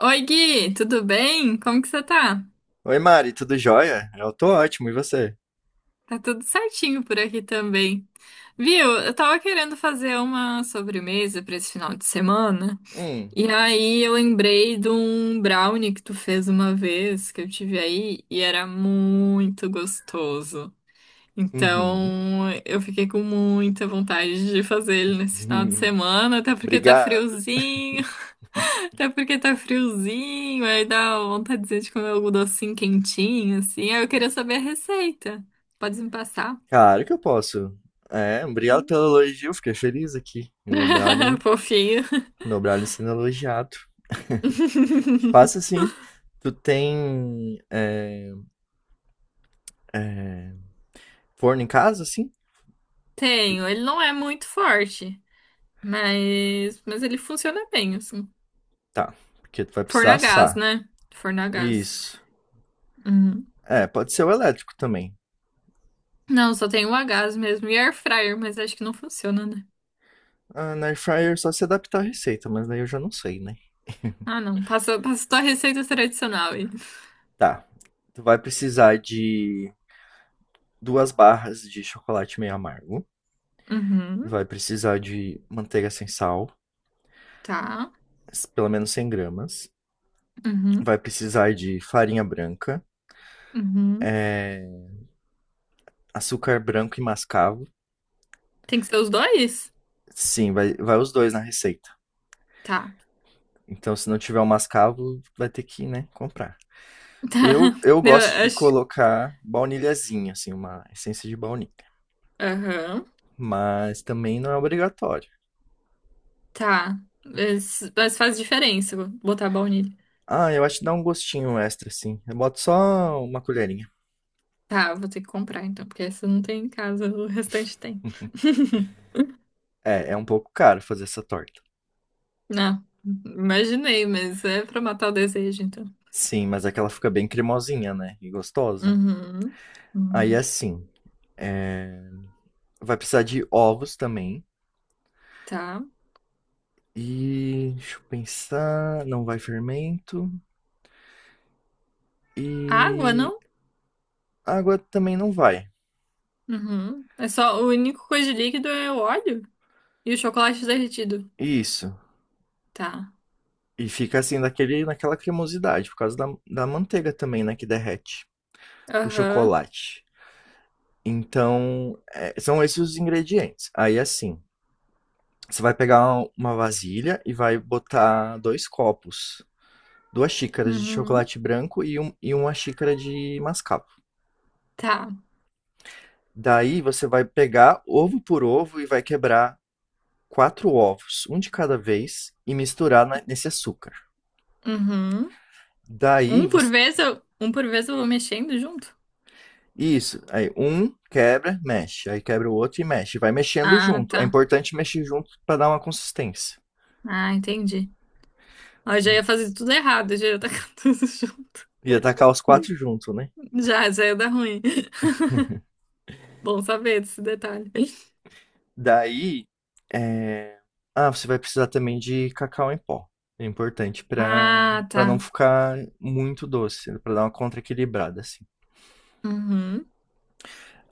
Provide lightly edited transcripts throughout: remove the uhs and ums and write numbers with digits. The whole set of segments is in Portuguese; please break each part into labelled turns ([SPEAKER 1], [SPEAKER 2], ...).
[SPEAKER 1] Oi, Gui, tudo bem? Como que você tá?
[SPEAKER 2] Oi, Mari, tudo jóia? Eu tô ótimo, e você?
[SPEAKER 1] Tá tudo certinho por aqui também. Viu? Eu tava querendo fazer uma sobremesa pra esse final de semana.
[SPEAKER 2] Hum,
[SPEAKER 1] E aí eu lembrei de um brownie que tu fez uma vez que eu tive aí e era muito gostoso.
[SPEAKER 2] uhum.
[SPEAKER 1] Então, eu fiquei com muita vontade de fazer ele nesse final de semana, até porque tá
[SPEAKER 2] Obrigado.
[SPEAKER 1] friozinho, até porque tá friozinho, aí dá vontadezinha de comer algum docinho quentinho, assim. Aí eu queria saber a receita. Pode me passar?
[SPEAKER 2] Claro que eu posso. É, obrigado pelo elogio, fiquei feliz aqui.
[SPEAKER 1] Fofinho.
[SPEAKER 2] Meu brownie sendo elogiado. Passa assim, tu tem forno em casa, assim? Porque-
[SPEAKER 1] Tenho, ele não é muito forte, mas ele funciona bem, assim.
[SPEAKER 2] tá, porque tu vai
[SPEAKER 1] Forno
[SPEAKER 2] precisar
[SPEAKER 1] a gás,
[SPEAKER 2] assar.
[SPEAKER 1] né? Forno a gás.
[SPEAKER 2] Isso.
[SPEAKER 1] Uhum.
[SPEAKER 2] É, pode ser o elétrico também.
[SPEAKER 1] Não, só tem o a gás mesmo e air fryer, mas acho que não funciona, né?
[SPEAKER 2] Ah, na air fryer é só se adaptar à receita, mas daí eu já não sei, né?
[SPEAKER 1] Ah, não. Passa, passa só a receita tradicional aí.
[SPEAKER 2] Tá. Tu vai precisar de duas barras de chocolate meio amargo.
[SPEAKER 1] Uhum,
[SPEAKER 2] Vai precisar de manteiga sem sal,
[SPEAKER 1] tá.
[SPEAKER 2] pelo menos 100 gramas.
[SPEAKER 1] Uhum,
[SPEAKER 2] Vai precisar de farinha branca,
[SPEAKER 1] uhum.
[SPEAKER 2] açúcar branco e mascavo.
[SPEAKER 1] Tem que ser os dois?
[SPEAKER 2] Sim, vai os dois na receita.
[SPEAKER 1] Tá.
[SPEAKER 2] Então, se não tiver o mascavo, vai ter que, né, comprar.
[SPEAKER 1] Tá.
[SPEAKER 2] Eu, eu
[SPEAKER 1] Eu
[SPEAKER 2] gosto de
[SPEAKER 1] acho.
[SPEAKER 2] colocar baunilhazinha, assim, uma essência de baunilha.
[SPEAKER 1] Aham.
[SPEAKER 2] Mas também não é obrigatório.
[SPEAKER 1] Tá. Mas faz diferença botar baunilha.
[SPEAKER 2] Ah, eu acho que dá um gostinho extra, assim. Eu boto só uma colherinha.
[SPEAKER 1] Tá, eu vou ter que comprar então, porque essa não tem em casa, o restante tem.
[SPEAKER 2] É, é um pouco caro fazer essa torta.
[SPEAKER 1] Não, imaginei, mas é pra matar o desejo, então.
[SPEAKER 2] Sim, mas é que ela fica bem cremosinha, né? E gostosa.
[SPEAKER 1] Uhum,
[SPEAKER 2] Aí
[SPEAKER 1] uhum.
[SPEAKER 2] assim, vai precisar de ovos também.
[SPEAKER 1] Tá.
[SPEAKER 2] E deixa eu pensar, não vai fermento
[SPEAKER 1] Água,
[SPEAKER 2] e
[SPEAKER 1] não?
[SPEAKER 2] água também não vai.
[SPEAKER 1] Uhum. É só, a única coisa de líquido é o óleo e o chocolate derretido.
[SPEAKER 2] Isso.
[SPEAKER 1] Tá.
[SPEAKER 2] E fica assim daquele, naquela cremosidade por causa da, da manteiga também, né, que derrete com
[SPEAKER 1] Aham.
[SPEAKER 2] chocolate. Então, é, são esses os ingredientes. Aí assim, você vai pegar uma vasilha e vai botar dois copos, duas xícaras de
[SPEAKER 1] Uhum.
[SPEAKER 2] chocolate branco e, um, e uma xícara de mascavo.
[SPEAKER 1] Tá.
[SPEAKER 2] Daí você vai pegar ovo por ovo e vai quebrar quatro ovos, um de cada vez, e misturar nesse açúcar.
[SPEAKER 1] Uhum.
[SPEAKER 2] Daí
[SPEAKER 1] Um por
[SPEAKER 2] você.
[SPEAKER 1] vez eu, um por vez eu vou mexendo junto?
[SPEAKER 2] Isso. Aí um quebra, mexe. Aí quebra o outro e mexe. Vai mexendo
[SPEAKER 1] Ah,
[SPEAKER 2] junto. É
[SPEAKER 1] tá.
[SPEAKER 2] importante mexer junto para dar uma consistência.
[SPEAKER 1] Ah, entendi. Ó, eu já ia fazer tudo errado, já ia tacar tudo junto.
[SPEAKER 2] E atacar os quatro junto, né?
[SPEAKER 1] Já ia dar ruim. Bom saber desse detalhe.
[SPEAKER 2] Daí. é, Ah, você vai precisar também de cacau em pó. É importante
[SPEAKER 1] Ah,
[SPEAKER 2] para
[SPEAKER 1] tá.
[SPEAKER 2] não ficar muito doce, para dar uma contra-equilibrada, assim.
[SPEAKER 1] Uhum.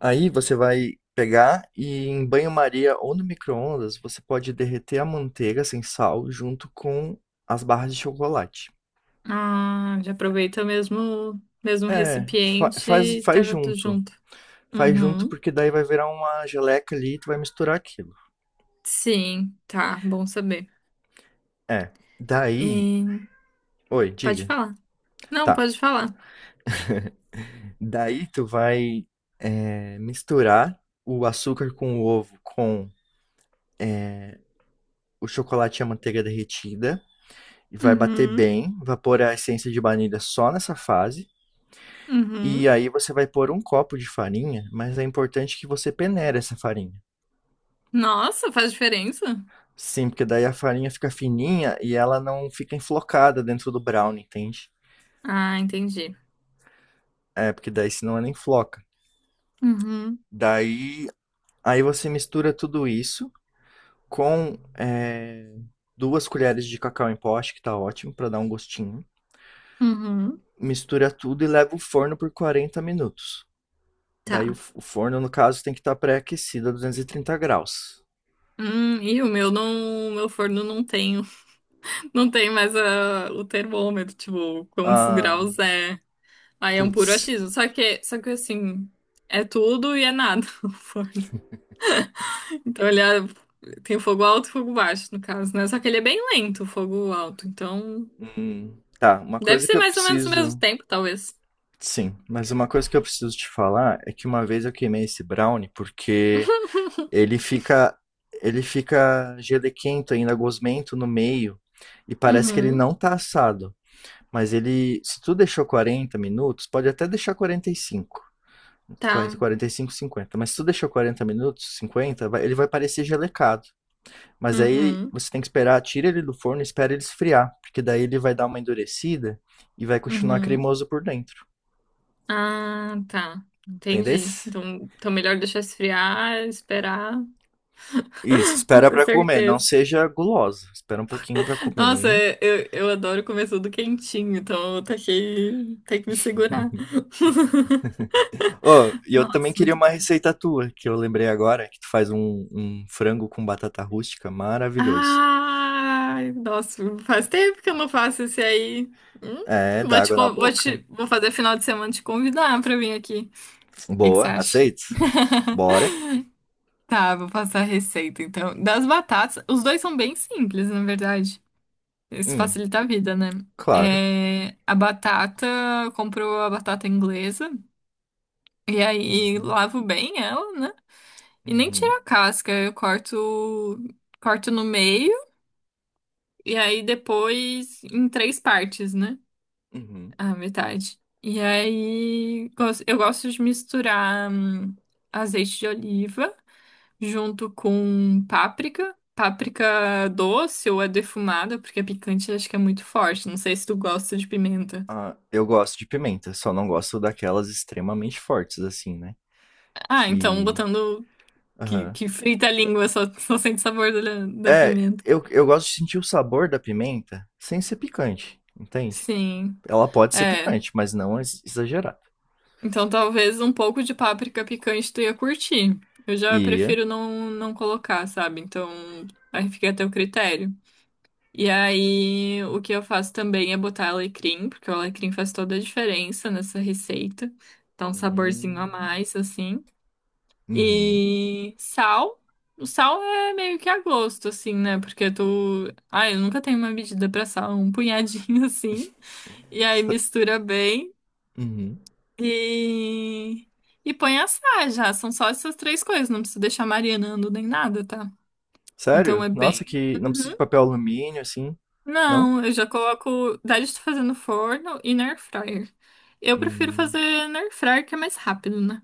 [SPEAKER 2] Aí você vai pegar e em banho-maria ou no micro-ondas, você pode derreter a manteiga sem sal junto com as barras de chocolate.
[SPEAKER 1] Ah, já aproveita o mesmo
[SPEAKER 2] É,
[SPEAKER 1] recipiente e
[SPEAKER 2] faz
[SPEAKER 1] taca tudo
[SPEAKER 2] junto.
[SPEAKER 1] junto.
[SPEAKER 2] Faz junto
[SPEAKER 1] Uhum.
[SPEAKER 2] porque daí vai virar uma geleca ali e tu vai misturar aquilo.
[SPEAKER 1] Sim, tá. Bom saber.
[SPEAKER 2] É, daí...
[SPEAKER 1] E...
[SPEAKER 2] Oi,
[SPEAKER 1] Pode
[SPEAKER 2] diga.
[SPEAKER 1] falar. Não,
[SPEAKER 2] Tá.
[SPEAKER 1] pode falar.
[SPEAKER 2] Daí tu vai misturar o açúcar com o ovo com o chocolate e a manteiga derretida. E vai bater
[SPEAKER 1] Uhum.
[SPEAKER 2] bem, vai pôr a essência de baunilha só nessa fase. E
[SPEAKER 1] Uhum.
[SPEAKER 2] aí você vai pôr um copo de farinha, mas é importante que você peneire essa farinha.
[SPEAKER 1] Nossa, faz diferença?
[SPEAKER 2] Sim, porque daí a farinha fica fininha e ela não fica enflocada dentro do brownie, entende?
[SPEAKER 1] Ah, entendi.
[SPEAKER 2] É, porque daí senão ela enfloca.
[SPEAKER 1] Uhum,
[SPEAKER 2] Daí, aí você mistura tudo isso com duas colheres de cacau em pó, acho que tá ótimo pra dar um gostinho.
[SPEAKER 1] uhum.
[SPEAKER 2] Mistura tudo e leva o forno por 40 minutos. Daí
[SPEAKER 1] Tá.
[SPEAKER 2] o forno, no caso, tem que estar pré-aquecido a 230 graus.
[SPEAKER 1] E o meu não, o meu forno não tem, não tem mais o termômetro, tipo, quantos
[SPEAKER 2] Ah,
[SPEAKER 1] graus é. Aí é um puro
[SPEAKER 2] putz.
[SPEAKER 1] achismo. Só que assim, é tudo e é nada o forno. Então ele é- Tem fogo alto e fogo baixo, no caso, né? Só que ele é bem lento, o fogo alto. Então,
[SPEAKER 2] Tá, uma
[SPEAKER 1] deve
[SPEAKER 2] coisa que
[SPEAKER 1] ser
[SPEAKER 2] eu
[SPEAKER 1] mais ou menos o mesmo
[SPEAKER 2] preciso.
[SPEAKER 1] tempo, talvez.
[SPEAKER 2] Sim, mas uma coisa que eu preciso te falar é que uma vez eu queimei esse brownie porque ele fica ele fica gelequento ainda, gosmento no meio e parece que ele
[SPEAKER 1] Uhum,
[SPEAKER 2] não tá assado. Mas ele, se tu deixou 40 minutos, pode até deixar 45,
[SPEAKER 1] tá.
[SPEAKER 2] 45, 50 mas se tu deixou 40 minutos, 50 ele vai parecer gelecado. Mas aí
[SPEAKER 1] Uhum,
[SPEAKER 2] você tem que esperar, tira ele do forno e espera ele esfriar, porque daí ele vai dar uma endurecida e vai continuar
[SPEAKER 1] uhum.
[SPEAKER 2] cremoso por dentro,
[SPEAKER 1] Ah, tá. Entendi.
[SPEAKER 2] entendesse?
[SPEAKER 1] Então melhor deixar esfriar, esperar,
[SPEAKER 2] Isso, espera
[SPEAKER 1] ter
[SPEAKER 2] pra comer, não
[SPEAKER 1] certeza.
[SPEAKER 2] seja guloso, espera um pouquinho pra
[SPEAKER 1] Nossa,
[SPEAKER 2] comer.
[SPEAKER 1] eu adoro comer tudo quentinho, então eu taquei, tem que me segurar.
[SPEAKER 2] Oh, e eu também
[SPEAKER 1] Nossa,
[SPEAKER 2] queria
[SPEAKER 1] muito
[SPEAKER 2] uma
[SPEAKER 1] bom.
[SPEAKER 2] receita tua, que eu lembrei agora, que tu faz um frango com batata rústica maravilhoso.
[SPEAKER 1] Ai, nossa, faz tempo que eu não faço esse aí. Hum,
[SPEAKER 2] É, dá água na boca.
[SPEAKER 1] vou fazer final de semana te convidar pra vir aqui. O que que
[SPEAKER 2] Boa,
[SPEAKER 1] você acha?
[SPEAKER 2] aceito? Bora.
[SPEAKER 1] Tá, vou passar a receita então. Das batatas, os dois são bem simples, na verdade. Isso
[SPEAKER 2] Hum,
[SPEAKER 1] facilita a vida, né?
[SPEAKER 2] claro.
[SPEAKER 1] É, a batata, comprou a batata inglesa e aí
[SPEAKER 2] Uhum,
[SPEAKER 1] lavo bem ela, né? E nem tiro
[SPEAKER 2] uhum,
[SPEAKER 1] a casca, eu corto, corto no meio e aí depois em três partes, né?
[SPEAKER 2] uhum.
[SPEAKER 1] A metade. E aí eu gosto de misturar azeite de oliva junto com páprica. Páprica doce ou é defumada, porque a picante acho que é muito forte. Não sei se tu gosta de pimenta.
[SPEAKER 2] Ah, eu gosto de pimenta, só não gosto daquelas extremamente fortes, assim, né?
[SPEAKER 1] Ah, então
[SPEAKER 2] Que.
[SPEAKER 1] botando que,
[SPEAKER 2] Aham.
[SPEAKER 1] que frita a língua, só, só sente sabor da, da
[SPEAKER 2] É,
[SPEAKER 1] pimenta.
[SPEAKER 2] eu gosto de sentir o sabor da pimenta sem ser picante, entende?
[SPEAKER 1] Sim,
[SPEAKER 2] Ela pode ser
[SPEAKER 1] é.
[SPEAKER 2] picante, mas não exagerada.
[SPEAKER 1] Então talvez um pouco de páprica picante tu ia curtir. Eu já
[SPEAKER 2] E.
[SPEAKER 1] prefiro não colocar, sabe? Então aí fica a teu critério. E aí o que eu faço também é botar alecrim, porque o alecrim faz toda a diferença nessa receita. Dá um saborzinho
[SPEAKER 2] Uhum.
[SPEAKER 1] a mais, assim.
[SPEAKER 2] Uhum.
[SPEAKER 1] E sal. O sal é meio que a gosto, assim, né? Porque tu. Ai, eu nunca tenho uma medida pra sal, um punhadinho assim. E aí
[SPEAKER 2] S-
[SPEAKER 1] mistura bem
[SPEAKER 2] uhum.
[SPEAKER 1] e. E põe a assar já. São só essas três coisas, não precisa deixar marinando nem nada, tá? Então
[SPEAKER 2] Sério?
[SPEAKER 1] é
[SPEAKER 2] Nossa,
[SPEAKER 1] bem.
[SPEAKER 2] que. Não precisa de
[SPEAKER 1] Uhum.
[SPEAKER 2] papel alumínio, assim. Não?
[SPEAKER 1] Não, eu já coloco. Daí estou fazendo forno e na air fryer. Eu prefiro
[SPEAKER 2] Hum.
[SPEAKER 1] fazer na air fryer que é mais rápido, né?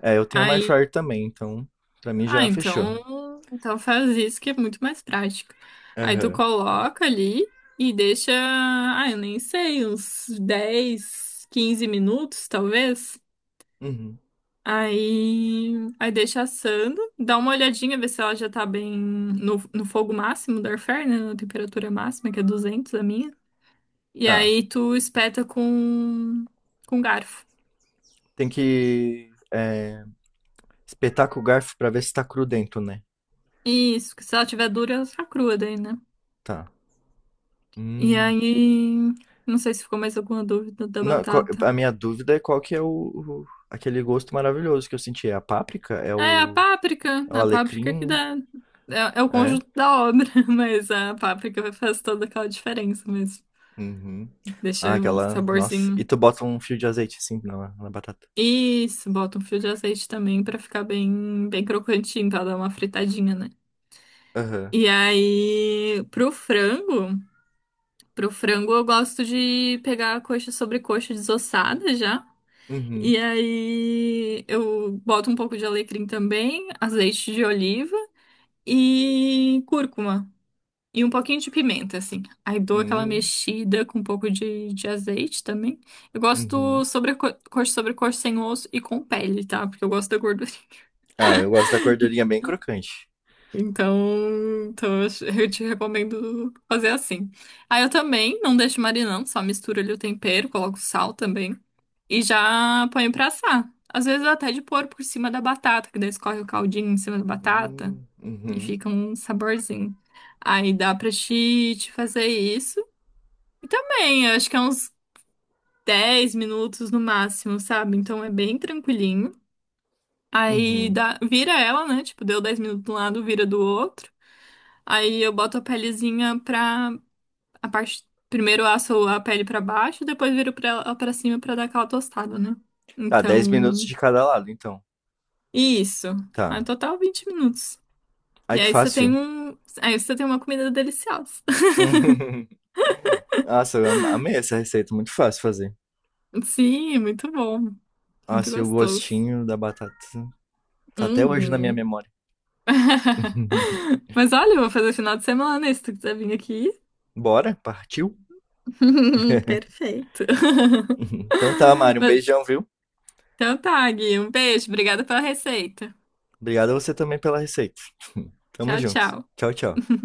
[SPEAKER 2] É, eu tenho uma air
[SPEAKER 1] Aí
[SPEAKER 2] fryer também, então pra mim
[SPEAKER 1] ah,
[SPEAKER 2] já fechou.
[SPEAKER 1] então, então faz isso que é muito mais prático. Aí tu
[SPEAKER 2] Aham.
[SPEAKER 1] coloca ali e deixa, ah, eu nem sei, uns 10, 15 minutos, talvez.
[SPEAKER 2] Uhum.
[SPEAKER 1] Aí deixa assando, dá uma olhadinha, ver se ela já tá bem no, no fogo máximo do air fryer, né, na temperatura máxima, que é 200 a minha. E
[SPEAKER 2] Tá.
[SPEAKER 1] aí tu espeta com garfo.
[SPEAKER 2] Tem que. Espetaca o garfo pra ver se tá cru dentro, né?
[SPEAKER 1] Isso, que se ela tiver dura, ela tá crua daí, né?
[SPEAKER 2] Tá.
[SPEAKER 1] E
[SPEAKER 2] Hum.
[SPEAKER 1] aí, não sei se ficou mais alguma dúvida da
[SPEAKER 2] Não,
[SPEAKER 1] batata.
[SPEAKER 2] a minha dúvida é qual que é o aquele gosto maravilhoso que eu senti. É a páprica? É
[SPEAKER 1] É,
[SPEAKER 2] o, é o
[SPEAKER 1] a páprica que
[SPEAKER 2] alecrim?
[SPEAKER 1] dá. É, é o
[SPEAKER 2] É?
[SPEAKER 1] conjunto da obra, mas a páprica faz toda aquela diferença mesmo.
[SPEAKER 2] Uhum.
[SPEAKER 1] Deixa
[SPEAKER 2] Ah,
[SPEAKER 1] um
[SPEAKER 2] aquela. Nossa. E
[SPEAKER 1] saborzinho.
[SPEAKER 2] tu bota um fio de azeite assim na batata.
[SPEAKER 1] Isso, bota um fio de azeite também pra ficar bem, bem crocantinho, pra dar uma fritadinha, né?
[SPEAKER 2] Aham.
[SPEAKER 1] E aí, pro frango eu gosto de pegar a coxa sobre coxa desossada já.
[SPEAKER 2] Uhum.
[SPEAKER 1] E aí eu boto um pouco de alecrim também, azeite de oliva e cúrcuma. E um pouquinho de pimenta, assim. Aí dou aquela
[SPEAKER 2] Uhum.
[SPEAKER 1] mexida com um pouco de azeite também. Eu gosto
[SPEAKER 2] Uhum.
[SPEAKER 1] sobre cor sem osso e com pele, tá? Porque eu gosto da gordura.
[SPEAKER 2] Ah, eu gosto da gordurinha bem crocante.
[SPEAKER 1] Então, eu te recomendo fazer assim. Aí eu também não deixo marinando, só misturo ali o tempero, coloco sal também. E já ponho pra assar. Às vezes até de pôr por cima da batata, que daí escorre o caldinho em cima da batata
[SPEAKER 2] Hum.
[SPEAKER 1] e
[SPEAKER 2] Uhum.
[SPEAKER 1] fica um saborzinho. Aí dá pra te fazer isso. E também, eu acho que é uns 10 minutos no máximo, sabe? Então é bem tranquilinho. Aí
[SPEAKER 2] Uhum.
[SPEAKER 1] dá, vira ela, né? Tipo, deu 10 minutos de um lado, vira do outro. Aí eu boto a pelezinha pra a parte. Primeiro eu asso a pele pra baixo, depois viro ela pra cima pra dar aquela tostada, né?
[SPEAKER 2] Tá, 10 minutos
[SPEAKER 1] Então.
[SPEAKER 2] de cada lado, então.
[SPEAKER 1] Isso. No
[SPEAKER 2] Tá.
[SPEAKER 1] total, 20 minutos.
[SPEAKER 2] Ai,
[SPEAKER 1] E
[SPEAKER 2] que
[SPEAKER 1] aí você tem
[SPEAKER 2] fácil.
[SPEAKER 1] um. Aí você tem uma comida deliciosa.
[SPEAKER 2] Nossa, eu amei essa receita, muito fácil de fazer.
[SPEAKER 1] Sim, muito bom. Muito
[SPEAKER 2] Nossa, e o
[SPEAKER 1] gostoso.
[SPEAKER 2] gostinho da batata tá até hoje na minha
[SPEAKER 1] Uhum.
[SPEAKER 2] memória.
[SPEAKER 1] Mas olha, eu vou fazer final de semana, se tu quiser vir aqui.
[SPEAKER 2] Bora, partiu?
[SPEAKER 1] Perfeito.
[SPEAKER 2] Então tá, Mário, um
[SPEAKER 1] Mas,
[SPEAKER 2] beijão, viu?
[SPEAKER 1] então tá, Gui. Um beijo. Obrigada pela receita.
[SPEAKER 2] Obrigado a você também pela receita. Tamo
[SPEAKER 1] Tchau,
[SPEAKER 2] junto.
[SPEAKER 1] tchau.
[SPEAKER 2] Tchau, tchau.